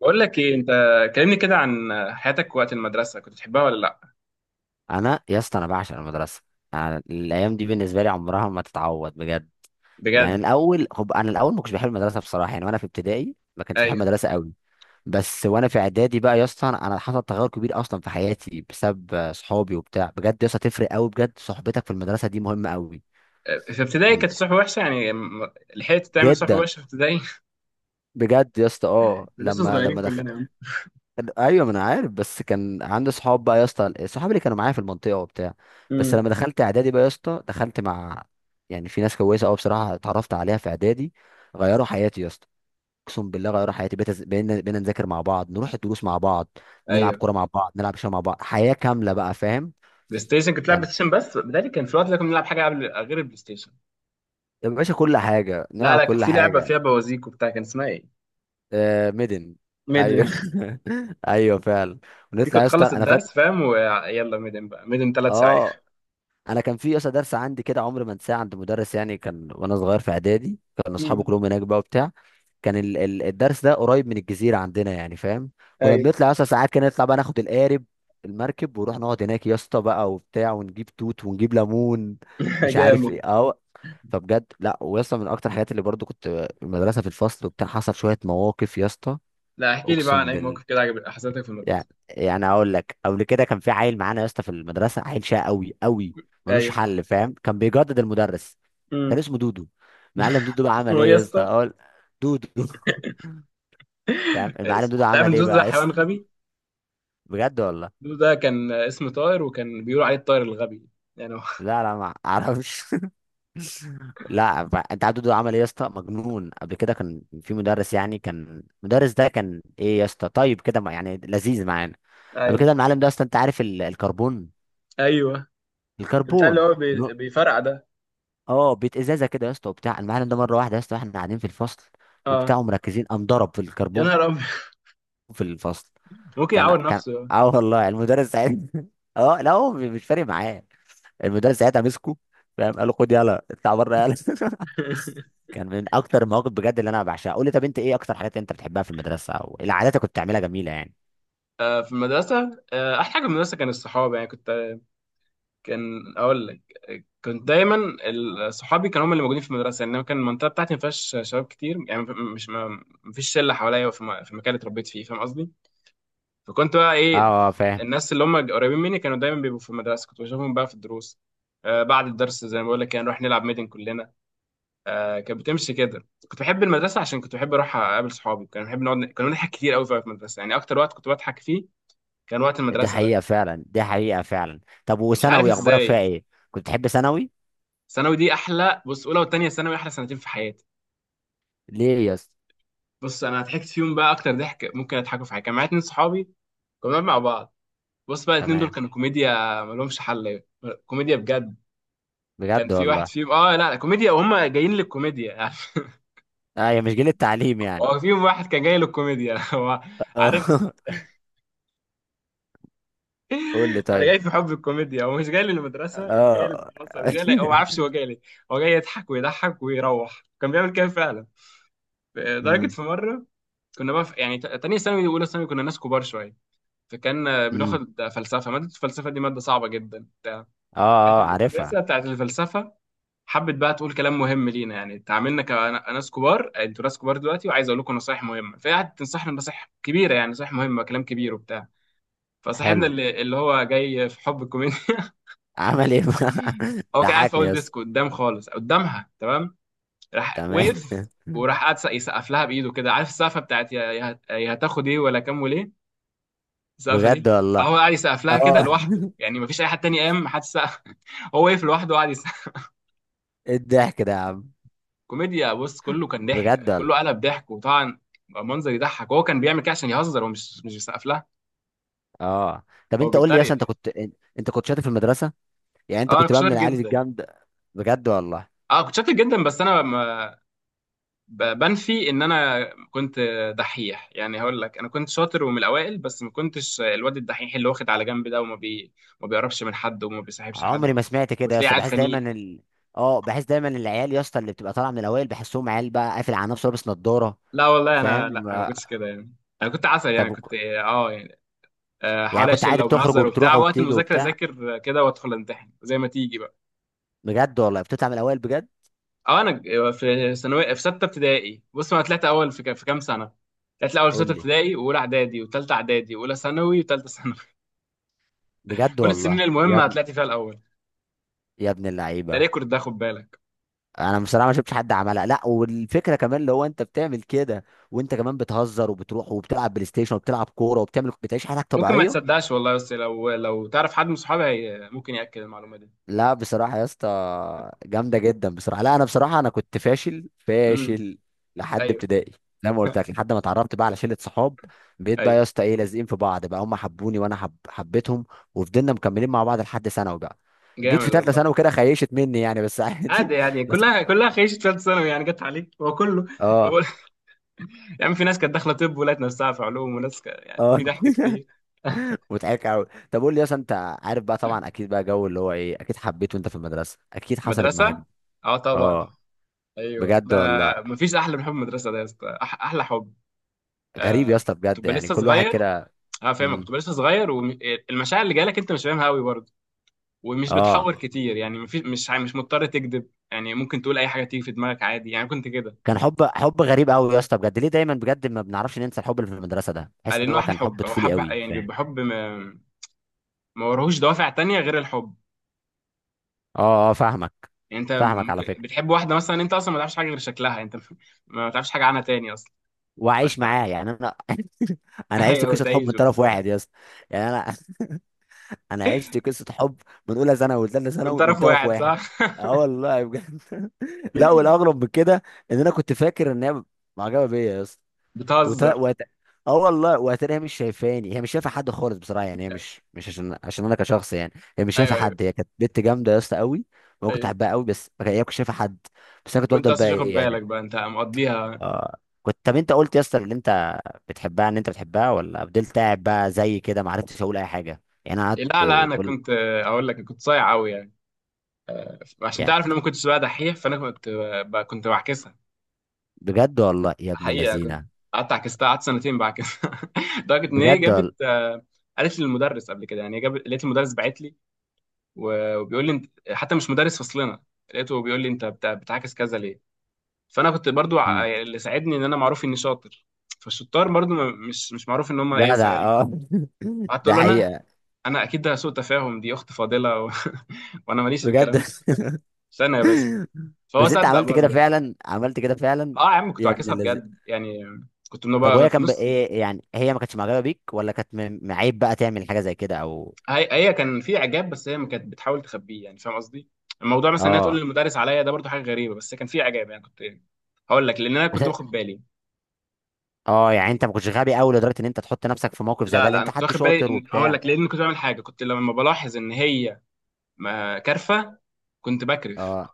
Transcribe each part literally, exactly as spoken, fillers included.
بقول لك ايه، انت كلمني كده عن حياتك وقت المدرسه. كنت بتحبها ولا لا؟ انا يا اسطى انا بعشق المدرسه. أنا الايام دي بالنسبه لي عمرها ما تتعوض بجد. يعني بجد. الاول خب انا الاول ما كنتش بحب المدرسه بصراحه، يعني وانا في ابتدائي ما كنتش بحب ايوه. المدرسه قوي. بس وانا في اعدادي بقى يا اسطى، انا أنا حصل تغير كبير اصلا في حياتي بسبب آه، صحابي وبتاع. بجد يا اسطى تفرق قوي، بجد صحبتك في المدرسه دي مهمه قوي. في ابتدائي يعني كانت صحبه وحشه، يعني م- لحقت تعمل صحبه جدا. وحشه في ابتدائي؟ بجد يا اسطى، اه لسه لما صغيرين لما كلنا. كان- ايوه ما انا عارف. بس كان عندي صحاب بقى يا اسطى، الصحاب اللي كانوا معايا في المنطقه وبتاع. بس امم. لما دخلت اعدادي بقى يا اسطى دخلت مع يعني في ناس كويسه قوي بصراحه اتعرفت عليها في اعدادي، غيروا حياتي يا اسطى، اقسم بالله غيروا حياتي. بقيت أز- بقينا بقينا نذاكر مع بعض، نروح الدروس مع بعض، نلعب ايوه. كوره مع بعض، نلعب شويه مع بعض، حياه كامله بقى، فاهم؟ بلاي ستيشن كنت بتلعب يعني بلاي ستيشن؟ بس بدالي كان في وقت ده كنا بنلعب حاجه قبل غير البلاي ستيشن. يا باشا كل حاجه لا نلعب، لا، كانت كل في لعبه حاجه. فيها بوازيك وبتاع، كان اسمها ايه؟ آه ميدن. ميدن. ايوه ايوه فعلا. دي ونطلع كنت يا اسطى، بتخلص انا فاكر الدرس فاهم، ويلا ميدن بقى، ميدن ثلاث ساعات. اه. انا كان في اصلا درس عندي كده عمري ما انساه، عند مدرس يعني كان وانا صغير في اعدادي، كان اصحابي امم. كلهم هناك بقى وبتاع. كان ال- ال- الدرس ده قريب من الجزيره عندنا يعني، فاهم؟ كنا ايوه. بنطلع اصلا ساعات كده، نطلع بقى ناخد القارب، المركب، ونروح نقعد هناك يا اسطى بقى وبتاع، ونجيب توت ونجيب ليمون مش عارف جامد. ايه اه. فبجد لا ويا اسطى من اكتر الحاجات اللي برضو كنت المدرسه في الفصل وبتاع حصل شويه مواقف يا اسطى. لا، احكي لي بقى عن اقسم اي موقف بالله. كده عجب حصلتك في المدرسه. يعني يعني اقول لك، قبل كده كان في عيل معانا يا اسطى في المدرسه، عيل شقي قوي قوي ملوش ايوه. حل، فاهم؟ كان بيجدد المدرس. كان امم. اسمه دودو. معلم دودو بقى عمل اسمه ايه ايه يا يا اسطى، اسطى؟ اقول؟ دودو فاهم المعلم آسف. دودو انت عارف عمل ان ايه زوز ده بقى يا حيوان اسطى؟ غبي. بجد والله. زوز ده كان اسم طائر، وكان بيقولوا عليه الطائر الغبي. يعني هو. لا لا ما اعرفش لا، ف- انت عارف دودو عمل ايه يا اسطى، مجنون. قبل كده كان في مدرس يعني، كان المدرس ده كان ايه يا اسطى، طيب كده ما- يعني لذيذ معانا. قبل ايوه، كده المعلم ده اصلا انت عارف ال- الكربون. ايوه. بتاع اللي الكربون هو بي- بيفرقع ده. اه بيت ازازه كده يا اسطى وبتاع. المعلم ده مره واحده يا اسطى واحنا قاعدين في الفصل اه. وبتاع مركزين، قام ضرب في يا الكربون نهار ابيض. في الفصل. ممكن كان يعور كان نفسه، آه. اه والله المدرس ساعتها اه لا هو مش فارق معاه. المدرس ساعتها مسكه، فاهم، قال له خد يلا اطلع بره يلا كان من اكتر المواقف بجد اللي انا بعشقها. قول لي، طب انت ايه اكتر حاجات انت بتحبها في المدرسه او إيه العادات اللي كنت بتعملها جميله يعني؟ آه، في المدرسه آه احلى حاجه في المدرسه كان الصحاب، يعني كنت... كان اقول لك، كنت دايما... ال- صحابي كانوا هم اللي موجودين في المدرسه. يعني أنا كان المنطقه بتاعتي ما فيهاش شباب كتير يعني. مش ما ما فيش شله حواليا في الم- في المكان اللي اتربيت فيه، فاهم قصدي. فكنت بقى ايه. اه اه فاهم. الناس اللي هم قريبين مني كانوا دايما بيبقوا في المدرسه، كنت بشوفهم بقى في الدروس. آه بعد الدرس زي ما بقول لك كان نروح نلعب ميدن كلنا. آه كانت بتمشي كده، كنت بحب المدرسه عشان كنت بحب اروح اقابل صحابي، كان بحب نقعد، كنا بنضحك كتير قوي في المدرسه، يعني اكتر وقت كنت بضحك فيه كان وقت دي المدرسه ده. حقيقه فعلا، دي حقيقه فعلا. طب مش عارف وثانوي اخبارك فيها ازاي. ايه؟ كنت تحب ثانوي؟ ثانوي دي احلى. بص، اولى وثانيه ثانوي احلى سنتين في حياتي. ليه يا اسطى؟ بص انا ضحكت فيهم بقى اكتر ضحك ممكن اضحكوا في حياتي. كان معايا اتنين صحابي، كنا بنقعد مع بعض. بص بقى، الاتنين دول تمام. كانوا كوميديا ملهمش حل. كوميديا بجد. كان بجد في واحد والله. فيهم اه لا لا، كوميديا وهم جايين للكوميديا يعني. ايوه مش جيل التعليم يعني. هو فيهم واحد كان جاي للكوميديا. هو عارف. اه قول لي انا طيب. جاي في حب الكوميديا، هو مش جاي للمدرسه، مش جاي اه للمدرسه، مش جاي لي... هو ما عارفش هو جاي ليه. هو جاي يضحك ويضحك ويروح، كان بيعمل كده فعلا. لدرجه امم، في مره كنا بقى في... يعني ت- تانية ثانوي واولى ثانوي كنا ناس كبار شويه. فكان آه، امم. بناخد فلسفه، ماده الفلسفه دي ماده صعبه جدا بتاع. اه كانت اه عارفها. المدرسه بتاعت الفلسفه حبت بقى تقول كلام مهم لينا، يعني تعاملنا كناس كبار: انتوا ناس كبار دلوقتي، وعايز اقول لكم نصايح مهمه. فهي قعدت تنصحنا نصايح كبيره، يعني نصايح مهمه، كلام كبير وبتاع. فصاحبنا حلو. اللي, اللي هو جاي في حب الكوميديا. عمل ايه بقى؟ هو كان قاعد في ضحكني اول يس. ديسك قدام خالص قدامها، تمام. راح تمام وقف وراح قعد يسقف لها بايده كده، عارف السقفه بتاعت يا يا يا هتاخد ايه ولا كام وليه. السقفه بجد دي والله. هو قاعد يسقف لها كده اه لوحده، يعني مفيش اي حد تاني، قام محدش سقف. هو وقف لوحده وقعد يسقف. ايه الضحك ده يا عم؟ كوميديا، بص كله كان بجد ضحك، والله. كله قلب ضحك وطبعا. منظر يضحك، هو كان بيعمل كده عشان يهزر، هو مش مش بيسقف لها. اه طب هو انت قول لي يس، بيتريق. انت كنت انت كنت شاطر في المدرسه؟ يعني انت اه، انا كنت كنت بقى من شاطر العيال جدا. الجامده؟ بجد والله. اه كنت شاطر جدا، بس انا ما... ب- بنفي ان انا كنت... دحيح، يعني هقول لك انا كنت شاطر ومن الاوائل، بس ما كنتش الواد الدحيح اللي واخد على جنب ده، وما بي... ما بيقربش من حد وما بيصاحبش حد، عمري ما سمعت كده يا وتلاقيه اسطى، قاعد بحس دايما خنيق. ال... اه بحس دايما العيال يا اسطى اللي بتبقى طالعه من الاوائل بحسهم عيال بقى قافل على نفسه لابس نضاره. لا والله انا، فاهم لا انا ما آه، كنتش كده يعني. انا كنت عسل يعني، طب كنت اه يعني... آه، يعني حوالي كنت اشيل عادي او بتخرج بنهزر وبتروح وبتاع، وقت وبتيجي المذاكره وبتاع؟ اذاكر كده وادخل امتحن زي ما تيجي بقى. بجد والله بتطلع من الاوائل بجد. اه انا ج- آه، في ثانويه، في سته ابتدائي بص انا طلعت اول في ك- في كام سنه. طلعت الاول في قول سته لي. ابتدائي واولى اعدادي وثالثه اعدادي واولى ثانوي وثالثه ثانوي. بجد كل السنين والله يا المهمه ابن طلعت فيها الاول. يا ابن ده اللعيبه. ريكورد ده، خد بالك. انا بصراحه ما شفتش حد عملها، لا، والفكره كمان اللي هو انت بتعمل كده وانت كمان بتهزر وبتروح وبتلعب بلاي ستيشن وبتلعب كوره وبتعمل بتعيش حياتك ممكن ما طبيعيه. تصدقش والله، بس لو لو تعرف حد من صحابي هي- ممكن ياكد المعلومه دي. لا بصراحة يا اسطى، جامدة جدا بصراحة. لا أنا بصراحة أنا كنت فاشل امم. فاشل لحد ايوه. ابتدائي، زي ما قلت لك لحد ما اتعرفت بقى على شلة صحاب. بقيت بقى ايوه. يا اسطى إيه لازقين في بعض بقى، هم حبوني وأنا حب... حبيتهم. وفضلنا مكملين مع بعض لحد ثانوي بقى. جيت في جامد تالتة والله. ثانوي كده خيشت مني يعني، بس عادي عادي يعني، بس كنت- كلها كلها خيشت ثالث ثانوي، يعني جت عليك هو كله. اه هو... يا عم في ناس كانت داخله طب ولقت نفسها في علوم، وناس ك... يعني في اه ضحك كتير. مضحك قوي. طب قول لي يا اسطى أنت، عارف بقى طبعا أكيد بقى جو اللي هو إيه أكيد حبيته أنت في المدرسة، أكيد حصلت معاك مدرسه. دي. اه طبعا. اه ايوه بجد ده. والله. مفيش احلى من حب المدرسه ده يا اسطى، أح... احلى حب. غريب يا آه... اسطى بجد، تبقى يعني لسه كل واحد صغير. كده. اه فاهمك، بتبقى لسه صغير والمشاعر اللي جالك انت مش فاهمها قوي برضه. ومش اه بتحور كتير يعني، مفيش مش ع- مش مضطر تكذب، يعني ممكن تقول اي حاجه تيجي في دماغك عادي، يعني كنت كده. كان حب حب غريب قوي يا اسطى بجد، ليه دايما بجد ما بنعرفش ننسى الحب اللي في المدرسه ده، آه، بحس ان لانه هو احلى كان حب حب، هو طفولي حب قوي يعني، فاهم. بيبقى حب ما, ما وراهوش دوافع تانية غير الحب. اه اه فاهمك، يعني انت فاهمك ممكن على فكره. بتحب واحده مثلا، انت اصلا ما تعرفش حاجه غير شكلها. انت... ما تعرفش حاجه عنها تاني اصلا. وعايش انت... معاه يعني انا انا عشت ايوه قصه حب من تعيزه. طرف واحد يا اسطى. يعني انا انا عشت قصه حب من اولى ثانوي وثالثه من ثانوي من طرف طرف واحد، واحد. صح. اه والله بجد. لا والاغرب من كده ان انا كنت فاكر ان هي معجبه بيا يا اسطى وت... بتهزر. وت... اه والله وهتلاقيها مش شايفاني، هي مش شايفه حد خالص بصراحه، يعني هي مش مش عشان عشان انا كشخص، يعني هي مش شايفه ايوه، ايوه، حد، هي كانت بنت جامده يا اسطى قوي. وانا كنت ايوه. بحبها قوي، بس ما كان- هي ما كانتش شايفه حد. بس انا كنت وانت بفضل اصلا بقى مش واخد ايه بالك يعني. بقى، انت مقضيها. آه كنت طب انت قلت يا اسطى ان انت بتحبها، ان انت بتحبها ولا فضلت قاعد بقى زي كده ما عرفتش اقول اي حاجه يعني، انا لا لا، قعدت انا كل. كنت... اقول لك كنت صايع قوي يعني. عشان يعني تعرف ان انا ما كنتش بقى دحيح، فانا كنت... بقى كنت بعكسها. بجد والله يا ابن حقيقه كنت... اللذينه. قعدت عكستها، قعدت سنتين بعكسها. لدرجه ان هي بجد جابت والله. آه، قالت لي المدرس قبل كده يعني، هي جابت، لقيت المدرس بعت لي. و- وبيقول لي انت حتى مش مدرس فصلنا. لقيته بيقول لي انت بت- بتعاكس كذا ليه؟ فانا كنت برضو ع- مم. يعني اللي ساعدني ان انا معروف اني شاطر. فالشطار برضو م- مش مش معروف ان هم ايه جدع صايعين. اه. قعدت ده اقول له انا، حقيقه. انا اكيد ده سوء تفاهم، دي اخت فاضله و... وانا ماليش في بجد الكلام ده. استنى يا باشا. فهو بس انت صدق عملت كده برضو يعني. فعلا، عملت كده فعلا. اه يا عم، كنت يا ابن بعكسها اللذين. بجد يعني. كنت من طب بقى وهي في كان بقى نص... ايه، يعني هي ما كانتش معجبه بيك، ولا كانت م- معيب بقى تعمل حاجه زي كده او؟ هي هي كان في اعجاب، بس هي ما كانت بتحاول تخبيه يعني فاهم قصدي. الموضوع مثلا انها تقول اه للمدرس عليا ده برضو حاجه غريبه، بس كان في اعجاب يعني كنت... هقول لك لان انا كنت باخد بالي. اه يعني انت ما كنتش غبي قوي لدرجه ان انت تحط نفسك في موقف زي لا ده، لان لا، انا انت كنت حد واخد بالي، شاطر إن- هقول وبتاع. لك لان كنت بعمل حاجه، كنت لما بلاحظ ان هي ما- كارفه، كنت بكرف. اه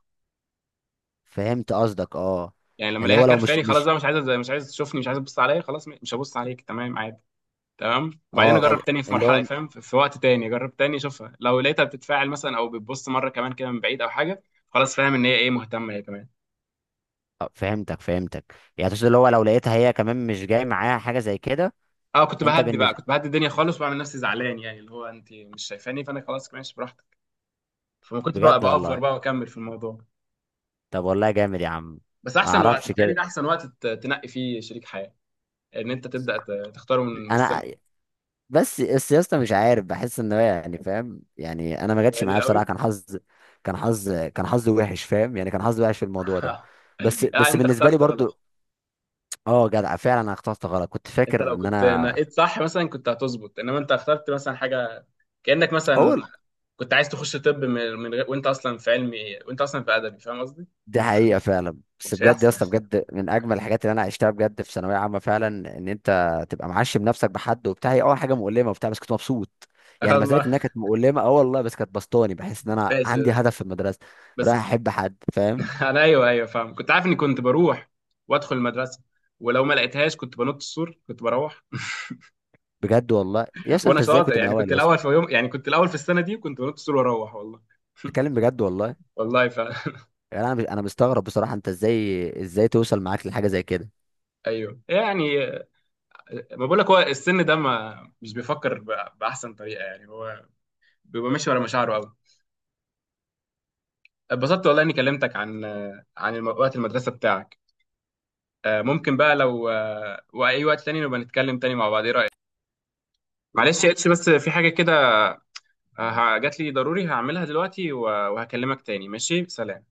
فهمت قصدك اه. يعني لما اللي الاقيها هو لو مش كرفاني، خلاص مش بقى مش عايزه، مش عايز تشوفني، مش عايز تبص عليا، خلاص مش هبص عليك، تمام عادي. تمام، وبعدين اه اجرب تاني في اللي مرحله هو. فاهم، في في وقت تاني اجرب تاني اشوفها، لو لقيتها بتتفاعل مثلا او بتبص مره كمان كده من بعيد او حاجه. خلاص فاهم ان هي ايه مهتمه، هي كمان. اه، فهمتك فهمتك يعني تقصد اللي هو لو لقيتها هي كمان مش جاي معاها حاجه زي كده. اه كنت انت بهدي بقى بالنسبه. كنت بهدي الدنيا خالص وبعمل نفسي زعلان، يعني اللي هو انت مش شايفاني فانا خلاص ماشي براحتك. فما كنت بقى بجد بأفور والله. بقى واكمل في الموضوع. طب والله جامد يا عم. بس ما احسن وقت اعرفش بتهيألي كده. ده احسن وقت ت- تنقي فيه شريك حياه، ان انت تبدا ت- تختاره من من السن انا. بس السياسة مش عارف بحس ان هو يعني فاهم، يعني انا ما جاتش الصغير معايا قوي. بصراحه كان حظ كان حظ كان حظي وحش فاهم، يعني كان حظي وحش في الموضوع ده. بس لا، بس انت بالنسبه لي اخترت برضو. غلط. اه جدع فعلا انا اخترت غلط، كنت انت فاكر لو ان كنت انا نقيت صح مثلا كنت هتظبط، انما انت اخترت مثلا حاجه، كانك مثلا اول كنت عايز تخش طب من من غير، وانت اصلا في علمي، وانت اصلا في ادبي، فاهم قصدي؟ دي حقيقه فعلا، بس مش بجد يا هيحصل. اسطى بجد من اجمل الحاجات اللي انا عشتها بجد في ثانويه عامه فعلا، ان انت تبقى معشم نفسك بحد وبتاع. هي اول حاجه مؤلمه وبتاع بس كنت مبسوط، يعني ما زالت الله. انها كانت مؤلمه اه والله، بس كانت بسطاني، بحس ان انا عندي ماشي. هدف في المدرسه، بس... رايح احب حد فاهم. انا، ايوه ايوه فاهم، كنت عارف اني كنت بروح وادخل المدرسه، ولو ما لقيتهاش كنت بنط السور، كنت بروح. بجد والله يا اسطى وانا انت ازاي شاطر كنت من يعني، الاول كنت يا الاول اسطى. في يوم يعني، كنت الاول في السنه دي، وكنت بنط السور واروح والله. بتتكلم بجد والله. والله ف يعني انا مش- انا مستغرب بصراحه انت ازاي ازاي توصل معاك لحاجه زي كده. ايوه يعني، ما بقول لك هو السن ده ما، مش بيفكر ب- باحسن طريقه، يعني هو بيبقى ماشي ورا مشاعره قوي. اتبسطت والله اني كلمتك عن عن الم- وقت المدرسه بتاعك. آه، ممكن بقى لو آه، واي وقت تاني نبقى نتكلم تاني مع بعض، ايه رايك؟ معلش يا اتش، بس في حاجه كده، آه، ه- جات لي ضروري هعملها دلوقتي و- وهكلمك تاني، ماشي، سلام.